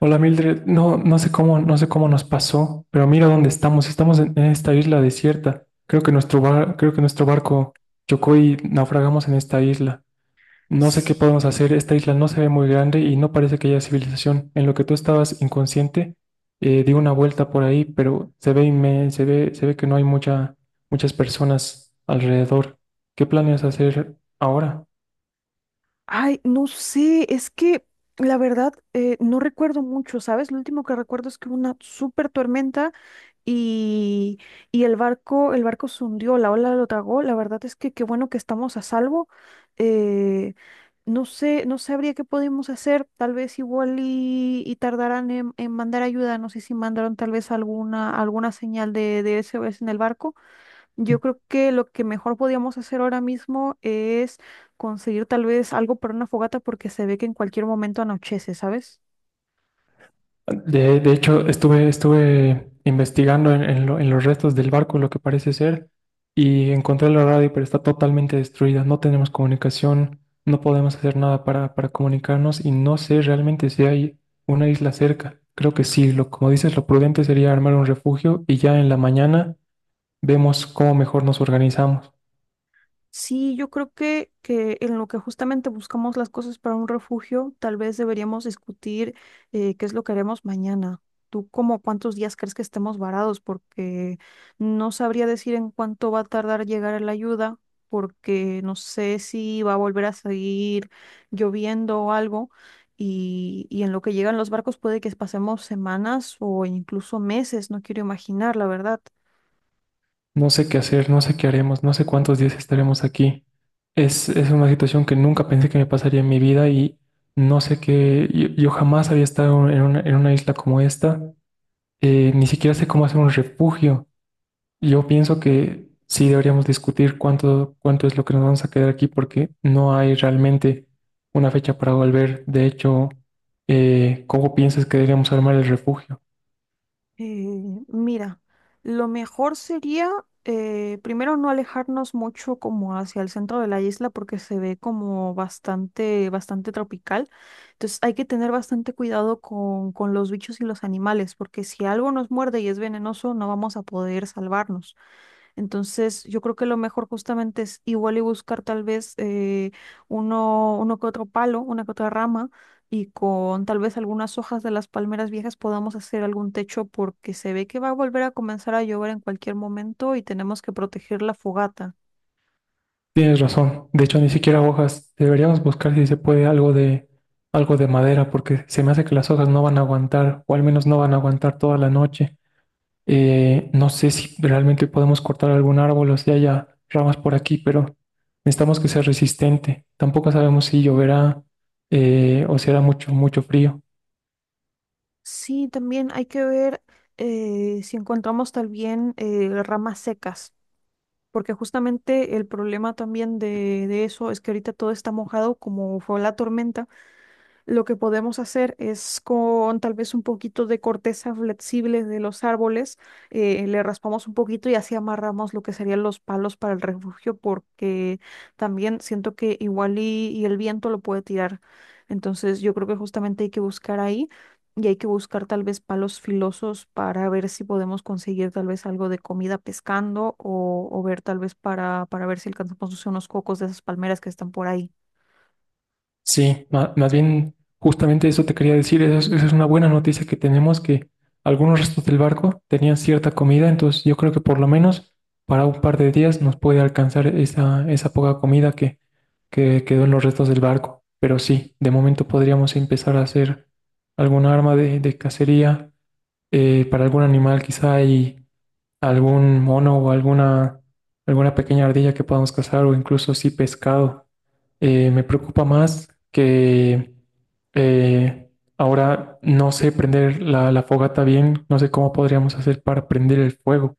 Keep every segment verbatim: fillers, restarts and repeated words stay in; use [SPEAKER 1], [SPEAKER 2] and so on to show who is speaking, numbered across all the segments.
[SPEAKER 1] Hola Mildred, no, no sé cómo, no sé cómo nos pasó, pero mira dónde estamos. Estamos en, en esta isla desierta. Creo que nuestro bar- creo que nuestro barco chocó y naufragamos en esta isla. No sé qué
[SPEAKER 2] Sí.
[SPEAKER 1] podemos hacer. Esta isla no se ve muy grande y no parece que haya civilización. En lo que tú estabas inconsciente, eh, di una vuelta por ahí, pero se ve inme- se ve, se ve que no hay mucha, muchas personas alrededor. ¿Qué planeas hacer ahora?
[SPEAKER 2] Ay, no sé, es que la verdad eh, no recuerdo mucho, ¿sabes? Lo último que recuerdo es que hubo una súper tormenta y, y el barco, el barco se hundió, la ola lo tragó. La verdad es que qué bueno que estamos a salvo. Eh, no sé, no sabría qué podemos hacer. Tal vez igual y, y tardarán en, en mandar ayuda. No sé si mandaron tal vez alguna, alguna señal de, de S O S en el barco. Yo creo que lo que mejor podíamos hacer ahora mismo es conseguir tal vez algo para una fogata porque se ve que en cualquier momento anochece, ¿sabes?
[SPEAKER 1] De, de hecho, estuve, estuve investigando en, en lo- en los restos del barco lo que parece ser y encontré la radio, pero está totalmente destruida. No tenemos comunicación, no podemos hacer nada para, para comunicarnos y no sé realmente si hay una isla cerca. Creo que sí, lo, como dices, lo prudente sería armar un refugio y ya en la mañana vemos cómo mejor nos organizamos.
[SPEAKER 2] Sí, yo creo que, que en lo que justamente buscamos las cosas para un refugio, tal vez deberíamos discutir eh, qué es lo que haremos mañana. ¿Tú como cuántos días crees que estemos varados? Porque no sabría decir en cuánto va a tardar llegar la ayuda, porque no sé si va a volver a seguir lloviendo o algo. Y, y en lo que llegan los barcos puede que pasemos semanas o incluso meses, no quiero imaginar, la verdad.
[SPEAKER 1] No sé qué hacer, no sé qué haremos, no sé cuántos días estaremos aquí. Es, es una situación que nunca pensé que me pasaría en mi vida y no sé qué, yo, yo jamás había estado en una, en una isla como esta. Eh, ni siquiera sé cómo hacer un refugio. Yo pienso que sí deberíamos discutir cuánto, cuánto es lo que nos vamos a quedar aquí porque no hay realmente una fecha para volver. De hecho, eh, ¿cómo piensas que deberíamos armar el refugio?
[SPEAKER 2] Eh, Mira, lo mejor sería eh, primero no alejarnos mucho como hacia el centro de la isla porque se ve como bastante, bastante tropical. Entonces hay que tener bastante cuidado con, con los bichos y los animales porque si algo nos muerde y es venenoso no vamos a poder salvarnos. Entonces, yo creo que lo mejor justamente es igual y buscar tal vez eh, uno, uno que otro palo, una que otra rama, y con tal vez algunas hojas de las palmeras viejas podamos hacer algún techo porque se ve que va a volver a comenzar a llover en cualquier momento y tenemos que proteger la fogata.
[SPEAKER 1] Tienes razón. De hecho, ni siquiera hojas. Deberíamos buscar si se puede algo de algo de madera, porque se me hace que las hojas no van a aguantar, o al menos no van a aguantar toda la noche. Eh, no sé si realmente podemos cortar algún árbol o si haya ramas por aquí, pero necesitamos que sea resistente. Tampoco sabemos si lloverá, eh, o si hará mucho, mucho frío.
[SPEAKER 2] Sí, también hay que ver eh, si encontramos también eh, ramas secas, porque justamente el problema también de, de eso es que ahorita todo está mojado como fue la tormenta. Lo que podemos hacer es con tal vez un poquito de corteza flexible de los árboles, eh, le raspamos un poquito y así amarramos lo que serían los palos para el refugio, porque también siento que igual y, y el viento lo puede tirar. Entonces yo creo que justamente hay que buscar ahí y hay que buscar tal vez palos filosos para ver si podemos conseguir tal vez algo de comida pescando o, o ver tal vez para, para ver si alcanzamos no sé, unos cocos de esas palmeras que están por ahí.
[SPEAKER 1] Sí, ma- más bien justamente eso te quería decir, esa es, esa es una buena noticia que tenemos, que algunos restos del barco tenían cierta comida, entonces yo creo que por lo menos para un par de días nos puede alcanzar esa, esa poca comida que, que quedó en los restos del barco. Pero sí, de momento podríamos empezar a hacer alguna arma de, de cacería, eh, para algún animal, quizá hay algún mono o alguna, alguna pequeña ardilla que podamos cazar o incluso sí pescado. Eh, me preocupa más que eh, Ahora no sé prender la, la fogata bien, no sé cómo podríamos hacer para prender el fuego.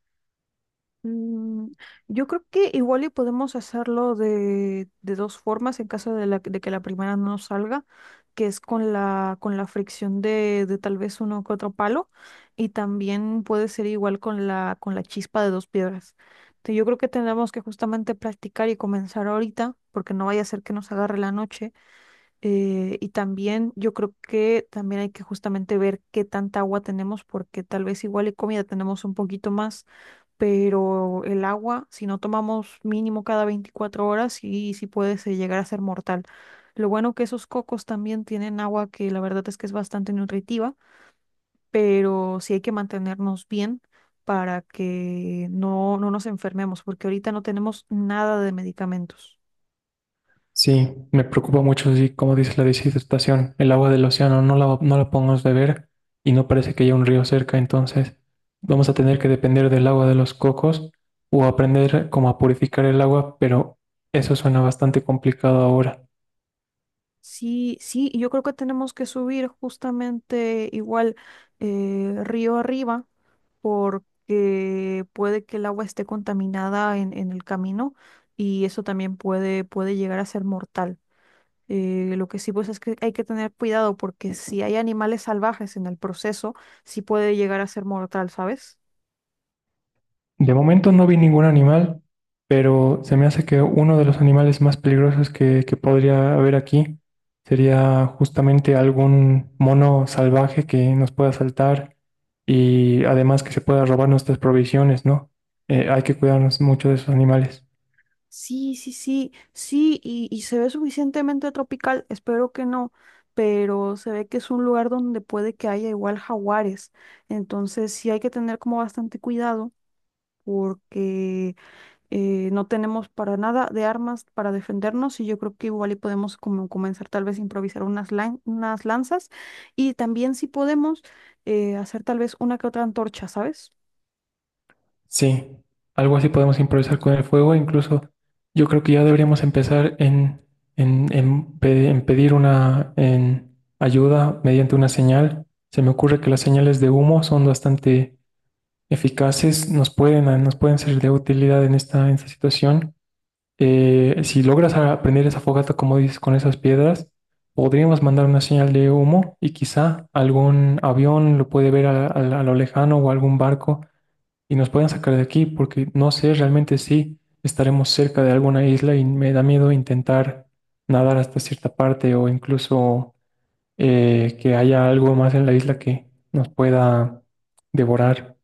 [SPEAKER 2] Mm, yo creo que igual y podemos hacerlo de, de dos formas en caso de, la- de que la primera no nos salga, que es con la, con la fricción de, de tal vez uno que otro palo y también puede ser igual con la, con la chispa de dos piedras. Te- Yo creo que tendremos que justamente practicar y comenzar ahorita porque no vaya a ser que nos agarre la noche eh, y también yo creo que también hay que justamente ver qué tanta agua tenemos porque tal vez igual y comida tenemos un poquito más pero el agua, si no tomamos mínimo cada veinticuatro horas, sí, sí puede se- llegar a ser mortal. Lo bueno que esos cocos también tienen agua que la verdad es que es bastante nutritiva, pero sí hay que mantenernos bien para que no, no nos enfermemos, porque ahorita no tenemos nada de medicamentos.
[SPEAKER 1] Sí, me preocupa mucho, sí, como dice la deshidratación, el agua del océano no la, no la podemos beber y no parece que haya un río cerca, entonces vamos a tener que depender del agua de los cocos o aprender cómo a purificar el agua, pero eso suena bastante complicado ahora.
[SPEAKER 2] Sí, sí, y yo creo que tenemos que subir justamente igual eh, río arriba porque puede que el agua esté contaminada en, en el camino y eso también puede, puede llegar a ser mortal. Eh, lo que sí pues es que hay que tener cuidado porque si hay animales salvajes en el proceso, sí puede llegar a ser mortal, ¿sabes?
[SPEAKER 1] De momento no vi ningún animal, pero se me hace que uno de los animales más peligrosos que, que podría haber aquí sería justamente algún mono salvaje que nos pueda saltar y además que se pueda robar nuestras provisiones, ¿no? Eh, hay que cuidarnos mucho de esos animales.
[SPEAKER 2] Sí, sí, sí, sí, y, y se ve suficientemente tropical, espero que no, pero se ve que es un lugar donde puede que haya igual jaguares, entonces sí hay que tener como bastante cuidado porque eh, no tenemos para nada de armas para defendernos y yo creo que igual y podemos como comenzar tal vez a improvisar unas, lan- unas lanzas y también si podemos eh, hacer tal vez una que otra antorcha, ¿sabes?
[SPEAKER 1] Sí, algo así podemos improvisar con el fuego. Incluso yo creo que ya deberíamos empezar en, en, en pe- en pedir una en ayuda mediante una señal. Se me ocurre que las señales de humo son bastante eficaces, nos pueden, nos pueden ser de utilidad en esta, en esta situación. Eh, si logras aprender esa fogata, como dices, con esas piedras, podríamos mandar una señal de humo y quizá algún avión lo puede ver a a- a lo lejano o algún barco y nos puedan sacar de aquí, porque no sé realmente si estaremos cerca de alguna isla y me da miedo intentar nadar hasta cierta parte o incluso, eh, que haya algo más en la isla que nos pueda devorar.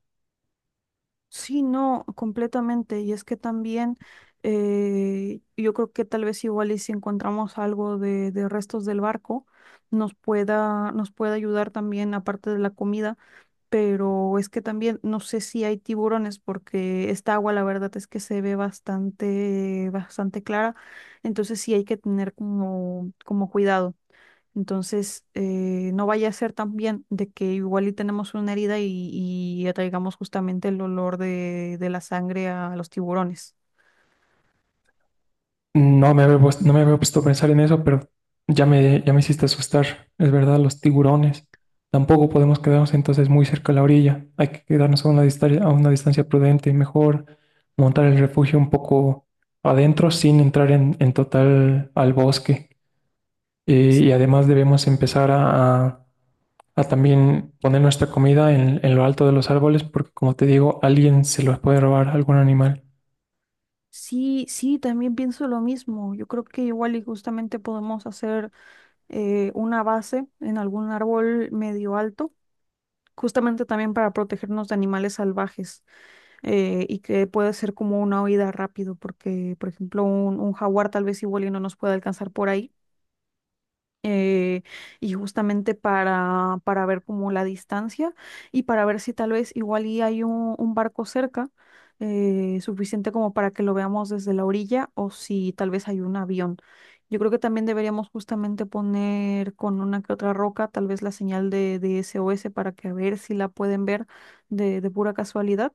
[SPEAKER 2] Sí, no, completamente. Y es que también eh, yo creo que tal vez igual y si encontramos algo de, de restos del barco, nos pueda, nos pueda ayudar también, aparte de la comida pero es que también no sé si hay tiburones porque esta agua la verdad es que se ve bastante, bastante clara, entonces sí hay que tener como, como cuidado. Entonces, eh, no vaya a ser también de que igual y tenemos una herida y, y atraigamos justamente el olor de, de la sangre a los tiburones.
[SPEAKER 1] No me había puesto, no me había puesto a pensar en eso, pero ya me, ya me hiciste asustar. Es verdad, los tiburones. Tampoco podemos quedarnos entonces muy cerca de la orilla. Hay que quedarnos a una distancia, a una distancia prudente. Mejor montar el refugio un poco adentro sin entrar en, en total al bosque. Eh, y además debemos empezar a, a- a también poner nuestra comida en, en lo alto de los árboles porque, como te digo, alguien se los puede robar algún animal.
[SPEAKER 2] Sí, sí, también pienso lo mismo. Yo creo que igual y justamente podemos hacer eh, una base en algún árbol medio alto justamente también para protegernos de animales salvajes eh, y que puede ser como una huida rápido, porque por ejemplo un, un jaguar tal vez igual y no nos puede alcanzar por ahí eh, y justamente para, para ver como la distancia y para ver si tal vez igual y hay un, un barco cerca eh, suficiente como para que lo veamos desde la orilla o si tal vez hay un avión. Yo creo que también deberíamos justamente poner con una que otra roca tal vez la señal de, de S O S para que a ver si la pueden ver de, de pura casualidad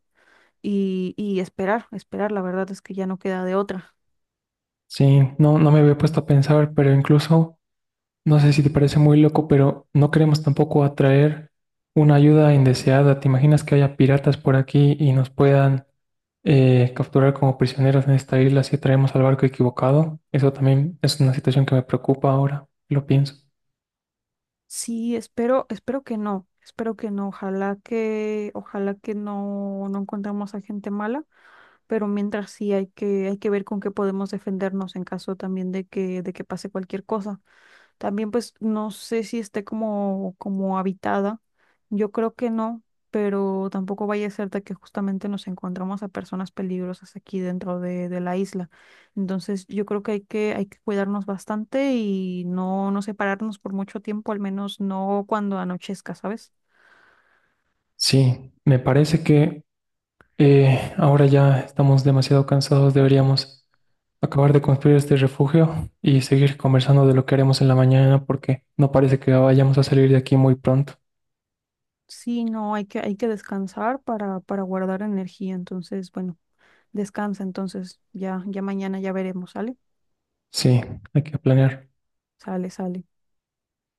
[SPEAKER 2] y, y esperar, esperar, la verdad es que ya no queda de otra.
[SPEAKER 1] Sí, no, no me había puesto a pensar, pero incluso. No sé si te parece muy loco, pero no queremos tampoco atraer una ayuda indeseada. ¿Te imaginas que haya piratas por aquí y nos puedan, eh, capturar como prisioneros en esta isla si traemos al barco equivocado? Eso también es una situación que me preocupa ahora, lo pienso.
[SPEAKER 2] Sí, espero, espero que no, espero que no, ojalá que, ojalá que no, no encontremos a gente mala, pero mientras sí hay que, hay que ver con qué podemos defendernos en caso también de que, de que pase cualquier cosa. También pues no sé si esté como, como habitada. Yo creo que no, pero tampoco vaya a ser de que justamente nos encontramos a personas peligrosas aquí dentro de, de la isla. Entonces yo creo que hay que, hay que cuidarnos bastante y no, no separarnos por mucho tiempo, al menos no cuando anochezca, ¿sabes?
[SPEAKER 1] Sí, me parece que, eh, ahora ya estamos demasiado cansados, deberíamos acabar de construir este refugio y seguir conversando de lo que haremos en la mañana porque no parece que vayamos a salir de aquí muy pronto.
[SPEAKER 2] Sí, no, hay que, hay que descansar para, para guardar energía. Entonces, bueno, descansa entonces. Ya, ya mañana ya veremos, ¿sale?
[SPEAKER 1] Sí, hay que planear.
[SPEAKER 2] Sale, sale.